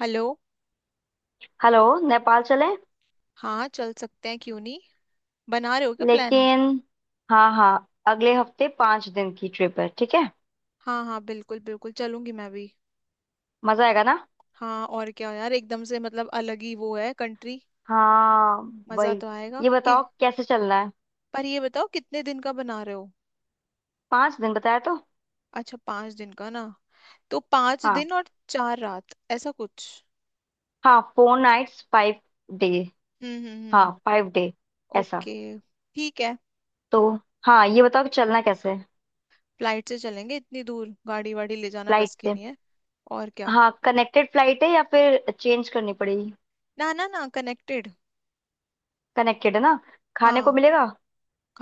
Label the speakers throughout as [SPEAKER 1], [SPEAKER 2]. [SPEAKER 1] Hello.
[SPEAKER 2] Hello. Nepal चलें
[SPEAKER 1] हाँ, चल सकते हैं, क्यों नहीं। बना रहे हो क्या प्लान?
[SPEAKER 2] लेकिन। हाँ हाँ, अगले हफ्ते 5 दिन की ट्रिप है, ठीक है।
[SPEAKER 1] हाँ हाँ, बिल्कुल बिल्कुल, चलूंगी मैं भी।
[SPEAKER 2] मजा आएगा ना।
[SPEAKER 1] हाँ, और क्या यार, एकदम से मतलब अलग ही वो है कंट्री।
[SPEAKER 2] हाँ,
[SPEAKER 1] मजा
[SPEAKER 2] वही।
[SPEAKER 1] तो आएगा
[SPEAKER 2] ये
[SPEAKER 1] कि।
[SPEAKER 2] बताओ कैसे चलना है।
[SPEAKER 1] पर ये बताओ कितने दिन का बना रहे हो?
[SPEAKER 2] पाँच दिन बताया तो।
[SPEAKER 1] अच्छा, 5 दिन का ना। तो पांच
[SPEAKER 2] हाँ
[SPEAKER 1] दिन और चार रात ऐसा कुछ।
[SPEAKER 2] हाँ, फोर नाइट्स फाइव डे।
[SPEAKER 1] हम्म।
[SPEAKER 2] हाँ फाइव डे, ऐसा।
[SPEAKER 1] ओके। ठीक है।
[SPEAKER 2] तो हाँ, ये बताओ कि चलना कैसे है।
[SPEAKER 1] फ्लाइट से चलेंगे, इतनी दूर गाड़ी वाड़ी ले जाना
[SPEAKER 2] फ्लाइट
[SPEAKER 1] बस की
[SPEAKER 2] से।
[SPEAKER 1] नहीं है। और क्या।
[SPEAKER 2] हाँ, कनेक्टेड फ्लाइट है या फिर चेंज करनी पड़ेगी।
[SPEAKER 1] ना ना ना, कनेक्टेड।
[SPEAKER 2] कनेक्टेड है ना। खाने को
[SPEAKER 1] हाँ,
[SPEAKER 2] मिलेगा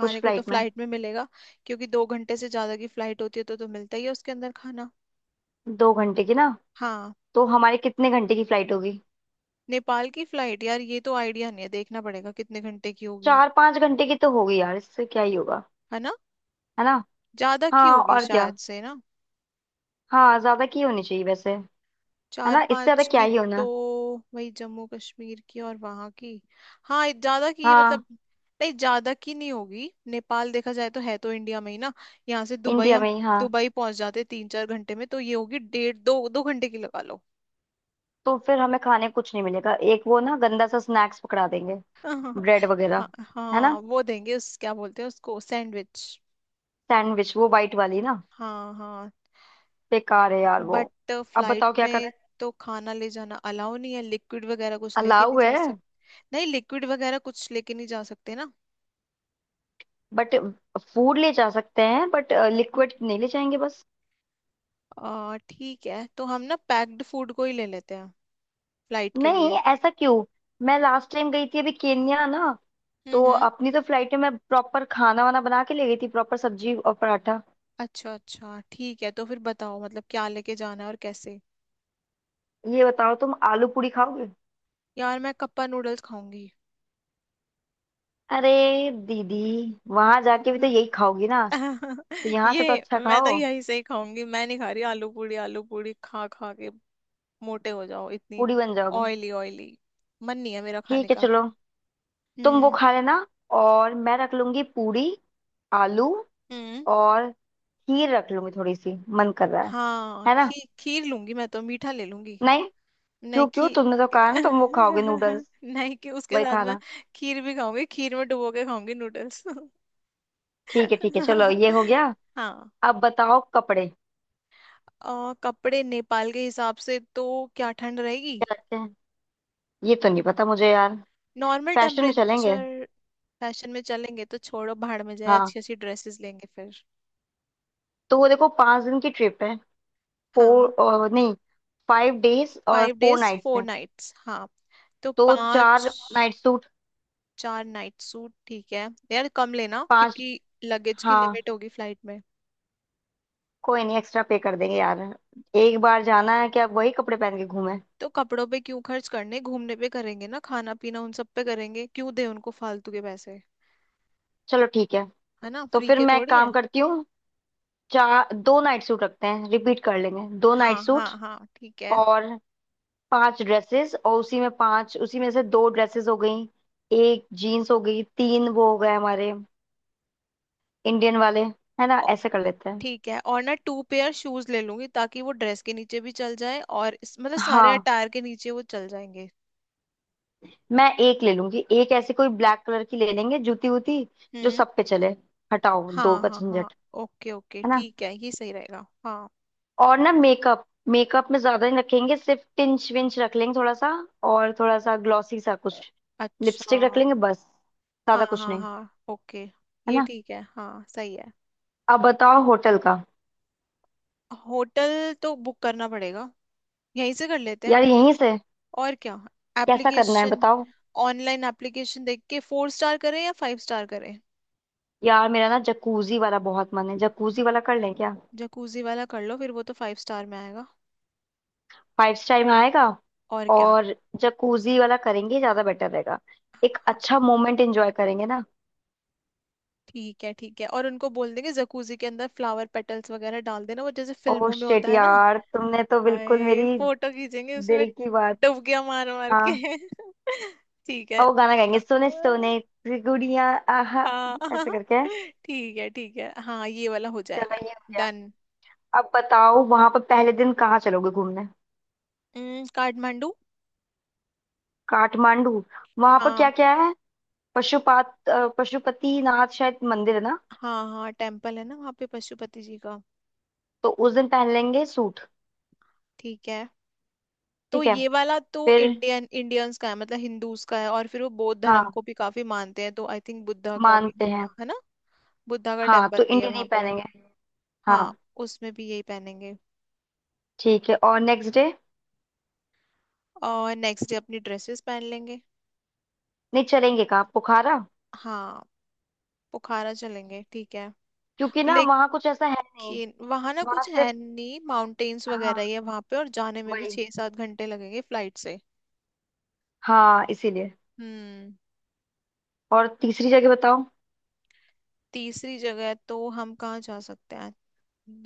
[SPEAKER 2] कुछ
[SPEAKER 1] को तो
[SPEAKER 2] फ्लाइट में।
[SPEAKER 1] फ्लाइट में मिलेगा। क्योंकि 2 घंटे से ज्यादा की फ्लाइट होती है तो मिलता ही है उसके अंदर खाना।
[SPEAKER 2] 2 घंटे की ना।
[SPEAKER 1] हाँ।
[SPEAKER 2] तो हमारे कितने घंटे की फ्लाइट होगी।
[SPEAKER 1] नेपाल की फ्लाइट यार, ये तो आइडिया नहीं है, देखना पड़ेगा कितने घंटे की होगी।
[SPEAKER 2] 4-5 घंटे की तो होगी यार, इससे क्या ही होगा।
[SPEAKER 1] है ना।
[SPEAKER 2] है ना।
[SPEAKER 1] ज्यादा की
[SPEAKER 2] हाँ
[SPEAKER 1] होगी
[SPEAKER 2] और क्या।
[SPEAKER 1] शायद से ना।
[SPEAKER 2] हाँ, ज्यादा की होनी चाहिए वैसे। है
[SPEAKER 1] चार
[SPEAKER 2] ना, इससे ज्यादा
[SPEAKER 1] पांच
[SPEAKER 2] क्या
[SPEAKER 1] की।
[SPEAKER 2] ही
[SPEAKER 1] तो
[SPEAKER 2] होना।
[SPEAKER 1] वही जम्मू कश्मीर की और वहां की। हाँ, ज्यादा की
[SPEAKER 2] हाँ,
[SPEAKER 1] मतलब। नहीं, ज्यादा की नहीं होगी, नेपाल देखा जाए तो है तो इंडिया में ही ना। यहाँ से दुबई
[SPEAKER 2] इंडिया
[SPEAKER 1] हम
[SPEAKER 2] में ही हाँ।
[SPEAKER 1] दुबई पहुंच जाते 3-4 घंटे में, तो ये होगी डेढ़ दो दो घंटे की लगा लो।
[SPEAKER 2] तो फिर हमें खाने कुछ नहीं मिलेगा, एक वो ना गंदा सा स्नैक्स पकड़ा देंगे।
[SPEAKER 1] हाँ
[SPEAKER 2] ब्रेड वगैरह
[SPEAKER 1] हाँ
[SPEAKER 2] है ना।
[SPEAKER 1] हाँ, वो देंगे उस क्या बोलते हैं उसको, सैंडविच।
[SPEAKER 2] सैंडविच, वो वाइट वाली ना।
[SPEAKER 1] हाँ हाँ।
[SPEAKER 2] बेकार है यार वो।
[SPEAKER 1] बट
[SPEAKER 2] अब
[SPEAKER 1] फ्लाइट
[SPEAKER 2] बताओ क्या
[SPEAKER 1] में।
[SPEAKER 2] करें।
[SPEAKER 1] तो खाना ले जाना अलाउ नहीं है, लिक्विड वगैरह कुछ लेके
[SPEAKER 2] अलाउ
[SPEAKER 1] नहीं जा
[SPEAKER 2] है।
[SPEAKER 1] सकते। नहीं, लिक्विड वगैरह कुछ लेके नहीं जा सकते ना।
[SPEAKER 2] बट फूड ले जा सकते हैं, बट लिक्विड नहीं ले जाएंगे बस।
[SPEAKER 1] आ, ठीक है, तो हम ना पैक्ड फूड को ही ले लेते हैं फ्लाइट के
[SPEAKER 2] नहीं
[SPEAKER 1] लिए।
[SPEAKER 2] ऐसा क्यों। मैं लास्ट टाइम गई थी अभी केन्या ना। तो
[SPEAKER 1] हम्म।
[SPEAKER 2] अपनी तो फ्लाइट में मैं प्रॉपर खाना वाना बना के ले गई थी, प्रॉपर सब्जी और पराठा।
[SPEAKER 1] अच्छा अच्छा, ठीक है, तो फिर बताओ मतलब क्या लेके जाना है और कैसे।
[SPEAKER 2] ये बताओ तुम आलू पूरी खाओगे।
[SPEAKER 1] यार मैं कप्पा नूडल्स खाऊंगी।
[SPEAKER 2] अरे दीदी, वहां जाके भी
[SPEAKER 1] हम्म।
[SPEAKER 2] तो यही खाओगी ना। तो यहाँ से तो
[SPEAKER 1] ये
[SPEAKER 2] अच्छा
[SPEAKER 1] मैं तो
[SPEAKER 2] खाओ।
[SPEAKER 1] यही से ही खाऊंगी, मैं नहीं खा रही आलू पूड़ी, आलू पूड़ी खा खा के मोटे हो जाओ इतनी।
[SPEAKER 2] पूरी बन जाओगे।
[SPEAKER 1] ऑयली ऑयली, मन नहीं है मेरा खाने
[SPEAKER 2] ठीक है
[SPEAKER 1] का।
[SPEAKER 2] चलो। तुम वो
[SPEAKER 1] हम्म
[SPEAKER 2] खा लेना और मैं रख लूंगी पूरी, आलू।
[SPEAKER 1] हम्म।
[SPEAKER 2] और खीर रख लूंगी थोड़ी सी। मन कर रहा है।
[SPEAKER 1] हाँ,
[SPEAKER 2] है ना।
[SPEAKER 1] खीर लूंगी, मैं तो मीठा ले लूंगी।
[SPEAKER 2] नहीं, क्यों
[SPEAKER 1] नहीं
[SPEAKER 2] क्यों,
[SPEAKER 1] खी
[SPEAKER 2] तुमने तो कहा ना तुम वो खाओगे नूडल्स।
[SPEAKER 1] नहीं कि उसके
[SPEAKER 2] वही
[SPEAKER 1] साथ मैं
[SPEAKER 2] खाना।
[SPEAKER 1] खीर भी खाऊंगी, खीर में डुबो के खाऊंगी नूडल्स।
[SPEAKER 2] ठीक है ठीक है, चलो ये हो गया।
[SPEAKER 1] हाँ।
[SPEAKER 2] अब बताओ कपड़े
[SPEAKER 1] और कपड़े नेपाल के हिसाब से तो क्या ठंड रहेगी?
[SPEAKER 2] क्या रखते हैं। ये तो नहीं पता मुझे यार।
[SPEAKER 1] नॉर्मल
[SPEAKER 2] फैशन में चलेंगे।
[SPEAKER 1] टेम्परेचर। फैशन में चलेंगे तो छोड़ो, भाड़ में जाए,
[SPEAKER 2] हाँ,
[SPEAKER 1] अच्छी अच्छी ड्रेसेस लेंगे फिर।
[SPEAKER 2] तो वो देखो 5 दिन की ट्रिप है।
[SPEAKER 1] हाँ,
[SPEAKER 2] फोर नहीं, फाइव डेज और
[SPEAKER 1] five
[SPEAKER 2] four
[SPEAKER 1] days
[SPEAKER 2] nights
[SPEAKER 1] four
[SPEAKER 2] हैं।
[SPEAKER 1] नाइट्स, हाँ। तो
[SPEAKER 2] तो चार
[SPEAKER 1] पांच।
[SPEAKER 2] नाइट सूट,
[SPEAKER 1] 4 नाइट सूट, ठीक है यार, कम लेना
[SPEAKER 2] पांच।
[SPEAKER 1] क्योंकि लगेज की
[SPEAKER 2] हाँ
[SPEAKER 1] लिमिट होगी फ्लाइट में।
[SPEAKER 2] कोई नहीं, एक्स्ट्रा पे कर देंगे यार। एक बार जाना है क्या वही कपड़े पहन के घूमे।
[SPEAKER 1] तो कपड़ों पे क्यों खर्च करने, घूमने पे करेंगे ना, खाना पीना उन सब पे करेंगे, क्यों दे उनको फालतू के पैसे।
[SPEAKER 2] चलो ठीक है।
[SPEAKER 1] है ना,
[SPEAKER 2] तो
[SPEAKER 1] फ्री
[SPEAKER 2] फिर
[SPEAKER 1] के
[SPEAKER 2] मैं एक
[SPEAKER 1] थोड़ी है।
[SPEAKER 2] काम करती हूँ, चार दो नाइट सूट रखते हैं, रिपीट कर लेंगे दो नाइट
[SPEAKER 1] हाँ
[SPEAKER 2] सूट।
[SPEAKER 1] हाँ हाँ, ठीक है।
[SPEAKER 2] और पांच ड्रेसेस, और उसी में पांच, उसी में से दो ड्रेसेस हो गई। एक जीन्स हो गई, तीन वो हो गए हमारे इंडियन वाले। है ना,
[SPEAKER 1] औ-
[SPEAKER 2] ऐसे कर लेते हैं।
[SPEAKER 1] ठीक है, और ना टू पेयर शूज ले लूंगी ताकि वो ड्रेस के नीचे भी चल जाए, और मतलब सारे
[SPEAKER 2] हाँ,
[SPEAKER 1] अटायर के नीचे वो चल जाएंगे।
[SPEAKER 2] मैं एक ले लूंगी, एक ऐसी कोई ब्लैक कलर की ले लेंगे जूती वूती, जो
[SPEAKER 1] हम्म।
[SPEAKER 2] सब पे चले। हटाओ दो
[SPEAKER 1] हाँ
[SPEAKER 2] का
[SPEAKER 1] हाँ हाँ,
[SPEAKER 2] झंझट।
[SPEAKER 1] ओके ओके,
[SPEAKER 2] है ना।
[SPEAKER 1] ठीक है, ये सही रहेगा हाँ।
[SPEAKER 2] और ना मेकअप, मेकअप में ज्यादा नहीं रखेंगे, सिर्फ टिंच विंच रख लेंगे थोड़ा सा, और थोड़ा सा ग्लॉसी सा कुछ,
[SPEAKER 1] अच्छा।
[SPEAKER 2] लिपस्टिक रख लेंगे बस।
[SPEAKER 1] हाँ
[SPEAKER 2] ज्यादा कुछ
[SPEAKER 1] हाँ
[SPEAKER 2] नहीं।
[SPEAKER 1] हाँ, ओके,
[SPEAKER 2] है
[SPEAKER 1] ये
[SPEAKER 2] ना।
[SPEAKER 1] ठीक है हाँ, सही है।
[SPEAKER 2] अब बताओ होटल का।
[SPEAKER 1] होटल तो बुक करना पड़ेगा, यहीं से कर लेते हैं।
[SPEAKER 2] यार यहीं से।
[SPEAKER 1] और क्या।
[SPEAKER 2] कैसा करना है
[SPEAKER 1] एप्लीकेशन।
[SPEAKER 2] बताओ।
[SPEAKER 1] ऑनलाइन एप्लीकेशन देख के फोर स्टार करें या फाइव स्टार करें?
[SPEAKER 2] यार मेरा ना जकूजी वाला बहुत मन है, जकूजी वाला कर लें क्या।
[SPEAKER 1] जकूजी वाला कर लो फिर, वो तो फाइव स्टार में आएगा।
[SPEAKER 2] फाइव स्टार में आएगा।
[SPEAKER 1] और क्या।
[SPEAKER 2] और जकूजी वाला करेंगे, ज्यादा बेटर रहेगा। एक
[SPEAKER 1] हाँ।
[SPEAKER 2] अच्छा मोमेंट एंजॉय करेंगे ना।
[SPEAKER 1] ठीक है ठीक है, और उनको बोल देंगे जकूजी के अंदर फ्लावर पेटल्स वगैरह डाल देना, वो जैसे
[SPEAKER 2] ओ
[SPEAKER 1] फिल्मों में
[SPEAKER 2] शिट
[SPEAKER 1] होता है ना।
[SPEAKER 2] यार, तुमने तो बिल्कुल
[SPEAKER 1] आए,
[SPEAKER 2] मेरी
[SPEAKER 1] फोटो खींचेंगे उसमें,
[SPEAKER 2] दिल की बात।
[SPEAKER 1] डुबकियां मार मार
[SPEAKER 2] हाँ
[SPEAKER 1] के। ठीक
[SPEAKER 2] और
[SPEAKER 1] है।
[SPEAKER 2] वो गाना गाएंगे, सोने
[SPEAKER 1] हाँ,
[SPEAKER 2] सोने की गुड़िया। आहा,
[SPEAKER 1] हाँ।
[SPEAKER 2] ऐसे
[SPEAKER 1] हाँ,
[SPEAKER 2] करके है।
[SPEAKER 1] ठीक है हाँ, ये वाला हो जाएगा।
[SPEAKER 2] चलो ये हो गया।
[SPEAKER 1] डन।
[SPEAKER 2] अब बताओ वहां पर पहले दिन कहाँ चलोगे घूमने।
[SPEAKER 1] काठमांडू।
[SPEAKER 2] काठमांडू। वहां पर क्या
[SPEAKER 1] हाँ
[SPEAKER 2] क्या है। पशुपति नाथ शायद मंदिर है ना।
[SPEAKER 1] हाँ हाँ, टेम्पल है ना वहाँ पे पशुपति जी का।
[SPEAKER 2] तो उस दिन पहन लेंगे सूट।
[SPEAKER 1] ठीक है। तो
[SPEAKER 2] ठीक है।
[SPEAKER 1] ये वाला तो
[SPEAKER 2] फिर
[SPEAKER 1] इंडियन इंडियंस का है, मतलब हिंदूज का है, और फिर वो बौद्ध
[SPEAKER 2] हाँ
[SPEAKER 1] धर्म को भी काफी मानते हैं, तो आई थिंक बुद्धा का भी
[SPEAKER 2] मानते
[SPEAKER 1] होगा
[SPEAKER 2] हैं।
[SPEAKER 1] है ना। बुद्धा का
[SPEAKER 2] हाँ,
[SPEAKER 1] टेम्पल
[SPEAKER 2] तो
[SPEAKER 1] भी है
[SPEAKER 2] इंडी नहीं
[SPEAKER 1] वहाँ पे।
[SPEAKER 2] पहनेंगे।
[SPEAKER 1] हाँ,
[SPEAKER 2] हाँ।
[SPEAKER 1] उसमें भी यही पहनेंगे।
[SPEAKER 2] ठीक है और नेक्स्ट डे।
[SPEAKER 1] और नेक्स्ट डे अपनी ड्रेसेस पहन लेंगे।
[SPEAKER 2] नहीं चलेंगे कहाँ, पोखरा।
[SPEAKER 1] हाँ, बुखारा चलेंगे, ठीक है।
[SPEAKER 2] क्योंकि ना वहाँ कुछ ऐसा है नहीं,
[SPEAKER 1] कि वहां ना
[SPEAKER 2] वहाँ
[SPEAKER 1] कुछ
[SPEAKER 2] सिर्फ
[SPEAKER 1] है नहीं, माउंटेन्स वगैरह
[SPEAKER 2] हाँ
[SPEAKER 1] ही है वहां पे, और जाने में भी
[SPEAKER 2] वही।
[SPEAKER 1] 6-7 घंटे लगेंगे फ्लाइट से।
[SPEAKER 2] हाँ इसीलिए।
[SPEAKER 1] हम्म।
[SPEAKER 2] और तीसरी जगह बताओ।
[SPEAKER 1] तीसरी जगह तो हम कहाँ जा सकते हैं।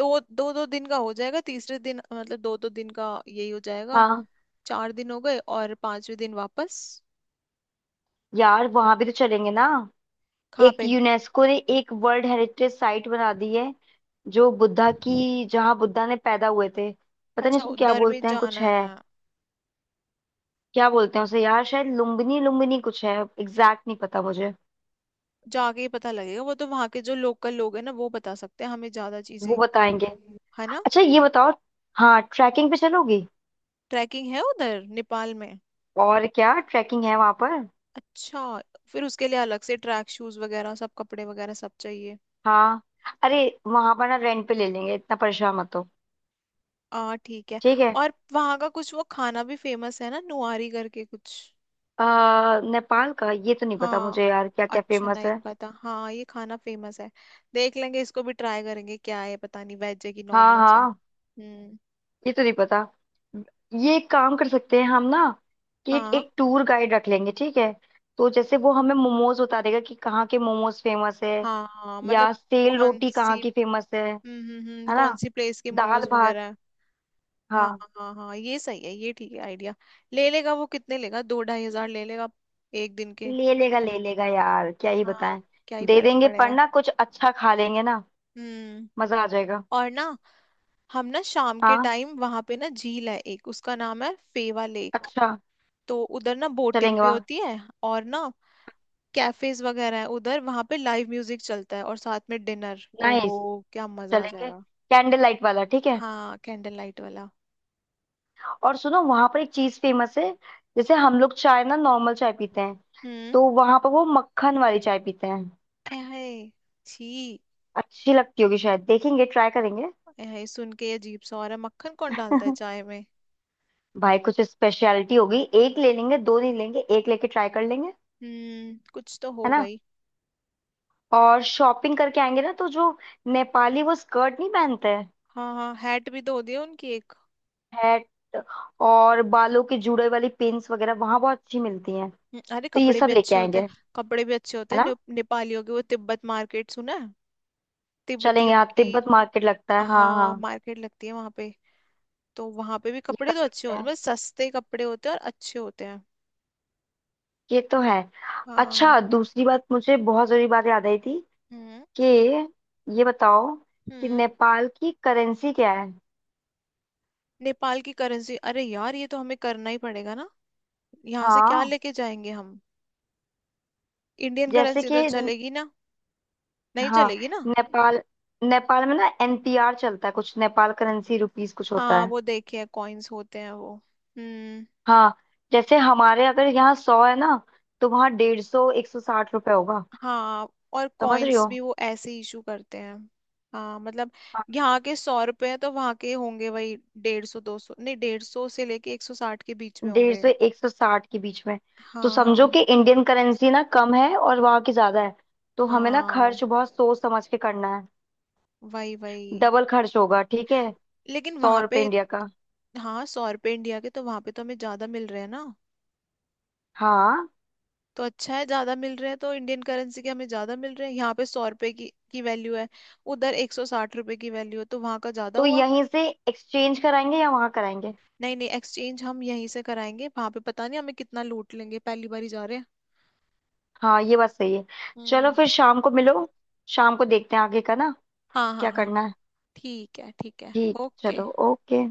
[SPEAKER 1] दो दो दो दिन का हो जाएगा, तीसरे दिन, मतलब दो दो दिन का यही हो जाएगा।
[SPEAKER 2] हाँ,
[SPEAKER 1] 4 दिन हो गए और 5वें दिन वापस।
[SPEAKER 2] यार वहाँ भी तो चलेंगे ना।
[SPEAKER 1] कहाँ
[SPEAKER 2] एक
[SPEAKER 1] पे?
[SPEAKER 2] यूनेस्को ने एक वर्ल्ड हेरिटेज साइट बना दी है, जो बुद्धा की, जहाँ बुद्धा ने पैदा हुए थे। पता नहीं
[SPEAKER 1] अच्छा,
[SPEAKER 2] उसको क्या
[SPEAKER 1] उधर भी
[SPEAKER 2] बोलते हैं
[SPEAKER 1] जाना
[SPEAKER 2] कुछ है।
[SPEAKER 1] है।
[SPEAKER 2] क्या बोलते हैं उसे यार, शायद लुम्बिनी, लुम्बिनी कुछ है, एग्जैक्ट नहीं पता मुझे।
[SPEAKER 1] जाके ही पता लगेगा, वो तो वहां के जो लोकल लोग हैं ना, वो बता सकते हैं हमें ज्यादा
[SPEAKER 2] वो
[SPEAKER 1] चीजें।
[SPEAKER 2] बताएंगे।
[SPEAKER 1] है ना।
[SPEAKER 2] अच्छा ये बताओ, हाँ ट्रैकिंग पे चलोगी।
[SPEAKER 1] ट्रैकिंग है उधर नेपाल में?
[SPEAKER 2] और क्या ट्रैकिंग है वहां पर।
[SPEAKER 1] अच्छा। फिर उसके लिए अलग से ट्रैक शूज वगैरह सब, कपड़े वगैरह सब चाहिए।
[SPEAKER 2] हाँ, अरे वहां पर ना रेंट पे ले लेंगे, इतना परेशान मत हो।
[SPEAKER 1] आ, ठीक है।
[SPEAKER 2] ठीक है।
[SPEAKER 1] और वहाँ का कुछ वो खाना भी फेमस है ना, नुआरी करके कुछ।
[SPEAKER 2] नेपाल का ये तो नहीं पता
[SPEAKER 1] हाँ।
[SPEAKER 2] मुझे यार क्या क्या
[SPEAKER 1] अच्छा
[SPEAKER 2] फेमस
[SPEAKER 1] नहीं
[SPEAKER 2] है।
[SPEAKER 1] पता, हाँ ये खाना फेमस है। देख लेंगे, इसको भी ट्राई करेंगे, क्या है पता नहीं, वेज है कि नॉन
[SPEAKER 2] हाँ
[SPEAKER 1] वेज है।
[SPEAKER 2] हाँ,
[SPEAKER 1] हम्म।
[SPEAKER 2] ये तो नहीं पता। ये एक काम कर सकते हैं हम ना, कि एक,
[SPEAKER 1] हाँ
[SPEAKER 2] एक टूर गाइड रख लेंगे ठीक है। तो जैसे वो हमें मोमोज बता देगा कि कहाँ के मोमोज फेमस है,
[SPEAKER 1] हाँ हाँ, मतलब।
[SPEAKER 2] या सेल
[SPEAKER 1] कौन
[SPEAKER 2] रोटी कहाँ
[SPEAKER 1] सी।
[SPEAKER 2] की फेमस है। है
[SPEAKER 1] कौन
[SPEAKER 2] ना,
[SPEAKER 1] सी प्लेस के
[SPEAKER 2] दाल
[SPEAKER 1] मोमोज
[SPEAKER 2] भात।
[SPEAKER 1] वगैरह है? हाँ
[SPEAKER 2] हाँ
[SPEAKER 1] हाँ हाँ, ये सही है, ये ठीक है आइडिया। ले लेगा वो, कितने लेगा, 2-2.5 हज़ार ले लेगा एक दिन के।
[SPEAKER 2] ले लेगा, ले लेगा यार क्या ही
[SPEAKER 1] हाँ,
[SPEAKER 2] बताएं।
[SPEAKER 1] क्या ही
[SPEAKER 2] दे
[SPEAKER 1] फर्क
[SPEAKER 2] देंगे, पर
[SPEAKER 1] पड़ेगा।
[SPEAKER 2] ना कुछ अच्छा खा लेंगे ना,
[SPEAKER 1] हम्म।
[SPEAKER 2] मजा आ जाएगा।
[SPEAKER 1] और ना, हम ना शाम के
[SPEAKER 2] हाँ
[SPEAKER 1] टाइम वहां पे ना झील है एक, उसका नाम है फेवा लेक।
[SPEAKER 2] अच्छा,
[SPEAKER 1] तो उधर ना बोटिंग
[SPEAKER 2] चलेंगे
[SPEAKER 1] भी
[SPEAKER 2] वहाँ।
[SPEAKER 1] होती है, और ना कैफेज वगैरह है उधर, वहां पे लाइव म्यूजिक चलता है और साथ में डिनर। ओहो,
[SPEAKER 2] नाइस,
[SPEAKER 1] क्या मजा आ
[SPEAKER 2] चलेंगे।
[SPEAKER 1] जाएगा।
[SPEAKER 2] कैंडल लाइट वाला ठीक है।
[SPEAKER 1] हाँ, कैंडल लाइट वाला।
[SPEAKER 2] और सुनो, वहां पर एक चीज फेमस है। जैसे हम लोग चाय ना, नॉर्मल चाय पीते हैं,
[SPEAKER 1] हम्म।
[SPEAKER 2] तो वहां पर वो मक्खन वाली चाय पीते हैं।
[SPEAKER 1] ऐ हाय, छी।
[SPEAKER 2] अच्छी लगती होगी शायद, देखेंगे ट्राई करेंगे।
[SPEAKER 1] ऐ हाय, सुन के ये अजीब सा हो रहा है, मक्खन कौन डालता है चाय में।
[SPEAKER 2] भाई कुछ स्पेशलिटी होगी, एक ले लेंगे, दो नहीं लेंगे, एक लेके ट्राई कर लेंगे।
[SPEAKER 1] हम्म, कुछ तो
[SPEAKER 2] है
[SPEAKER 1] हो
[SPEAKER 2] ना।
[SPEAKER 1] गई।
[SPEAKER 2] और शॉपिंग करके आएंगे ना, तो जो नेपाली वो स्कर्ट नहीं पहनते,
[SPEAKER 1] हाँ हाँ, हैट भी धो दिया उनकी एक।
[SPEAKER 2] हैट। और बालों के जुड़े वाली पिन्स वगैरह वहां बहुत अच्छी मिलती हैं।
[SPEAKER 1] अरे
[SPEAKER 2] तो ये
[SPEAKER 1] कपड़े
[SPEAKER 2] सब
[SPEAKER 1] भी
[SPEAKER 2] लेके
[SPEAKER 1] अच्छे होते
[SPEAKER 2] आएंगे,
[SPEAKER 1] हैं,
[SPEAKER 2] है
[SPEAKER 1] कपड़े भी अच्छे होते हैं,
[SPEAKER 2] ना।
[SPEAKER 1] नेपालियों की वो तिब्बत मार्केट सुना है। तिब्बतियों
[SPEAKER 2] चलेंगे हाँ,
[SPEAKER 1] की।
[SPEAKER 2] तिब्बत मार्केट लगता है हाँ
[SPEAKER 1] हाँ,
[SPEAKER 2] हाँ।
[SPEAKER 1] मार्केट लगती है वहां पे। तो वहां पे भी
[SPEAKER 2] ये
[SPEAKER 1] कपड़े
[SPEAKER 2] कर
[SPEAKER 1] तो अच्छे
[SPEAKER 2] सकते
[SPEAKER 1] होते हैं,
[SPEAKER 2] हैं,
[SPEAKER 1] मतलब सस्ते कपड़े होते हैं और अच्छे होते हैं।
[SPEAKER 2] ये तो है।
[SPEAKER 1] हाँ।
[SPEAKER 2] अच्छा, दूसरी बात मुझे बहुत जरूरी बात याद आई थी,
[SPEAKER 1] हम्म
[SPEAKER 2] कि ये बताओ कि
[SPEAKER 1] हम्म।
[SPEAKER 2] नेपाल की करेंसी क्या है।
[SPEAKER 1] नेपाल की करेंसी, अरे यार, ये तो हमें करना ही पड़ेगा ना। यहाँ से क्या
[SPEAKER 2] हाँ,
[SPEAKER 1] लेके जाएंगे हम? इंडियन
[SPEAKER 2] जैसे
[SPEAKER 1] करेंसी तो
[SPEAKER 2] कि न-
[SPEAKER 1] चलेगी ना। नहीं
[SPEAKER 2] हाँ।
[SPEAKER 1] चलेगी ना।
[SPEAKER 2] नेपाल, नेपाल में ना एनपीआर चलता है कुछ, नेपाल करेंसी रुपीस कुछ होता
[SPEAKER 1] हाँ,
[SPEAKER 2] है।
[SPEAKER 1] वो देखिए कॉइन्स होते हैं वो। हम्म।
[SPEAKER 2] हाँ, जैसे हमारे अगर यहाँ 100 है ना, तो वहाँ 150-160 रुपये होगा।
[SPEAKER 1] हाँ, और
[SPEAKER 2] समझ रही
[SPEAKER 1] कॉइन्स
[SPEAKER 2] हो।
[SPEAKER 1] भी वो ऐसे इशू करते हैं। हाँ, मतलब
[SPEAKER 2] हाँ,
[SPEAKER 1] यहाँ के 100 रुपए हैं तो वहाँ के होंगे वही 150-200, नहीं 150 से लेके 160 के बीच में
[SPEAKER 2] डेढ़
[SPEAKER 1] होंगे।
[SPEAKER 2] सौ एक सौ साठ के बीच में। तो
[SPEAKER 1] हाँ
[SPEAKER 2] समझो
[SPEAKER 1] हाँ
[SPEAKER 2] कि इंडियन करेंसी ना कम है और वहाँ की ज्यादा है, तो हमें ना
[SPEAKER 1] हाँ,
[SPEAKER 2] खर्च बहुत सोच समझ के करना है।
[SPEAKER 1] वही वही।
[SPEAKER 2] डबल खर्च होगा ठीक है।
[SPEAKER 1] लेकिन
[SPEAKER 2] सौ
[SPEAKER 1] वहाँ पे।
[SPEAKER 2] रुपये इंडिया का,
[SPEAKER 1] हाँ, 100 रुपए इंडिया के तो वहाँ पे तो हमें ज्यादा मिल रहे हैं ना।
[SPEAKER 2] हाँ।
[SPEAKER 1] तो अच्छा है, ज्यादा मिल रहे हैं, तो इंडियन करेंसी के हमें ज्यादा मिल रहे हैं, यहाँ पे 100 रुपए की वैल्यू है। उधर 160 रुपए की वैल्यू है, तो वहाँ का ज्यादा
[SPEAKER 2] तो
[SPEAKER 1] हुआ।
[SPEAKER 2] यहीं से एक्सचेंज कराएंगे या वहाँ कराएंगे।
[SPEAKER 1] नहीं नहीं, एक्सचेंज हम यहीं से कराएंगे, वहां पे पता नहीं हमें कितना लूट लेंगे, पहली बार ही जा रहे हैं।
[SPEAKER 2] हाँ ये बात सही है। चलो
[SPEAKER 1] हम्म।
[SPEAKER 2] फिर शाम को मिलो, शाम को देखते हैं आगे का ना,
[SPEAKER 1] हाँ हाँ
[SPEAKER 2] क्या
[SPEAKER 1] हाँ,
[SPEAKER 2] करना है।
[SPEAKER 1] ठीक है ठीक है,
[SPEAKER 2] ठीक
[SPEAKER 1] ओके।
[SPEAKER 2] चलो ओके।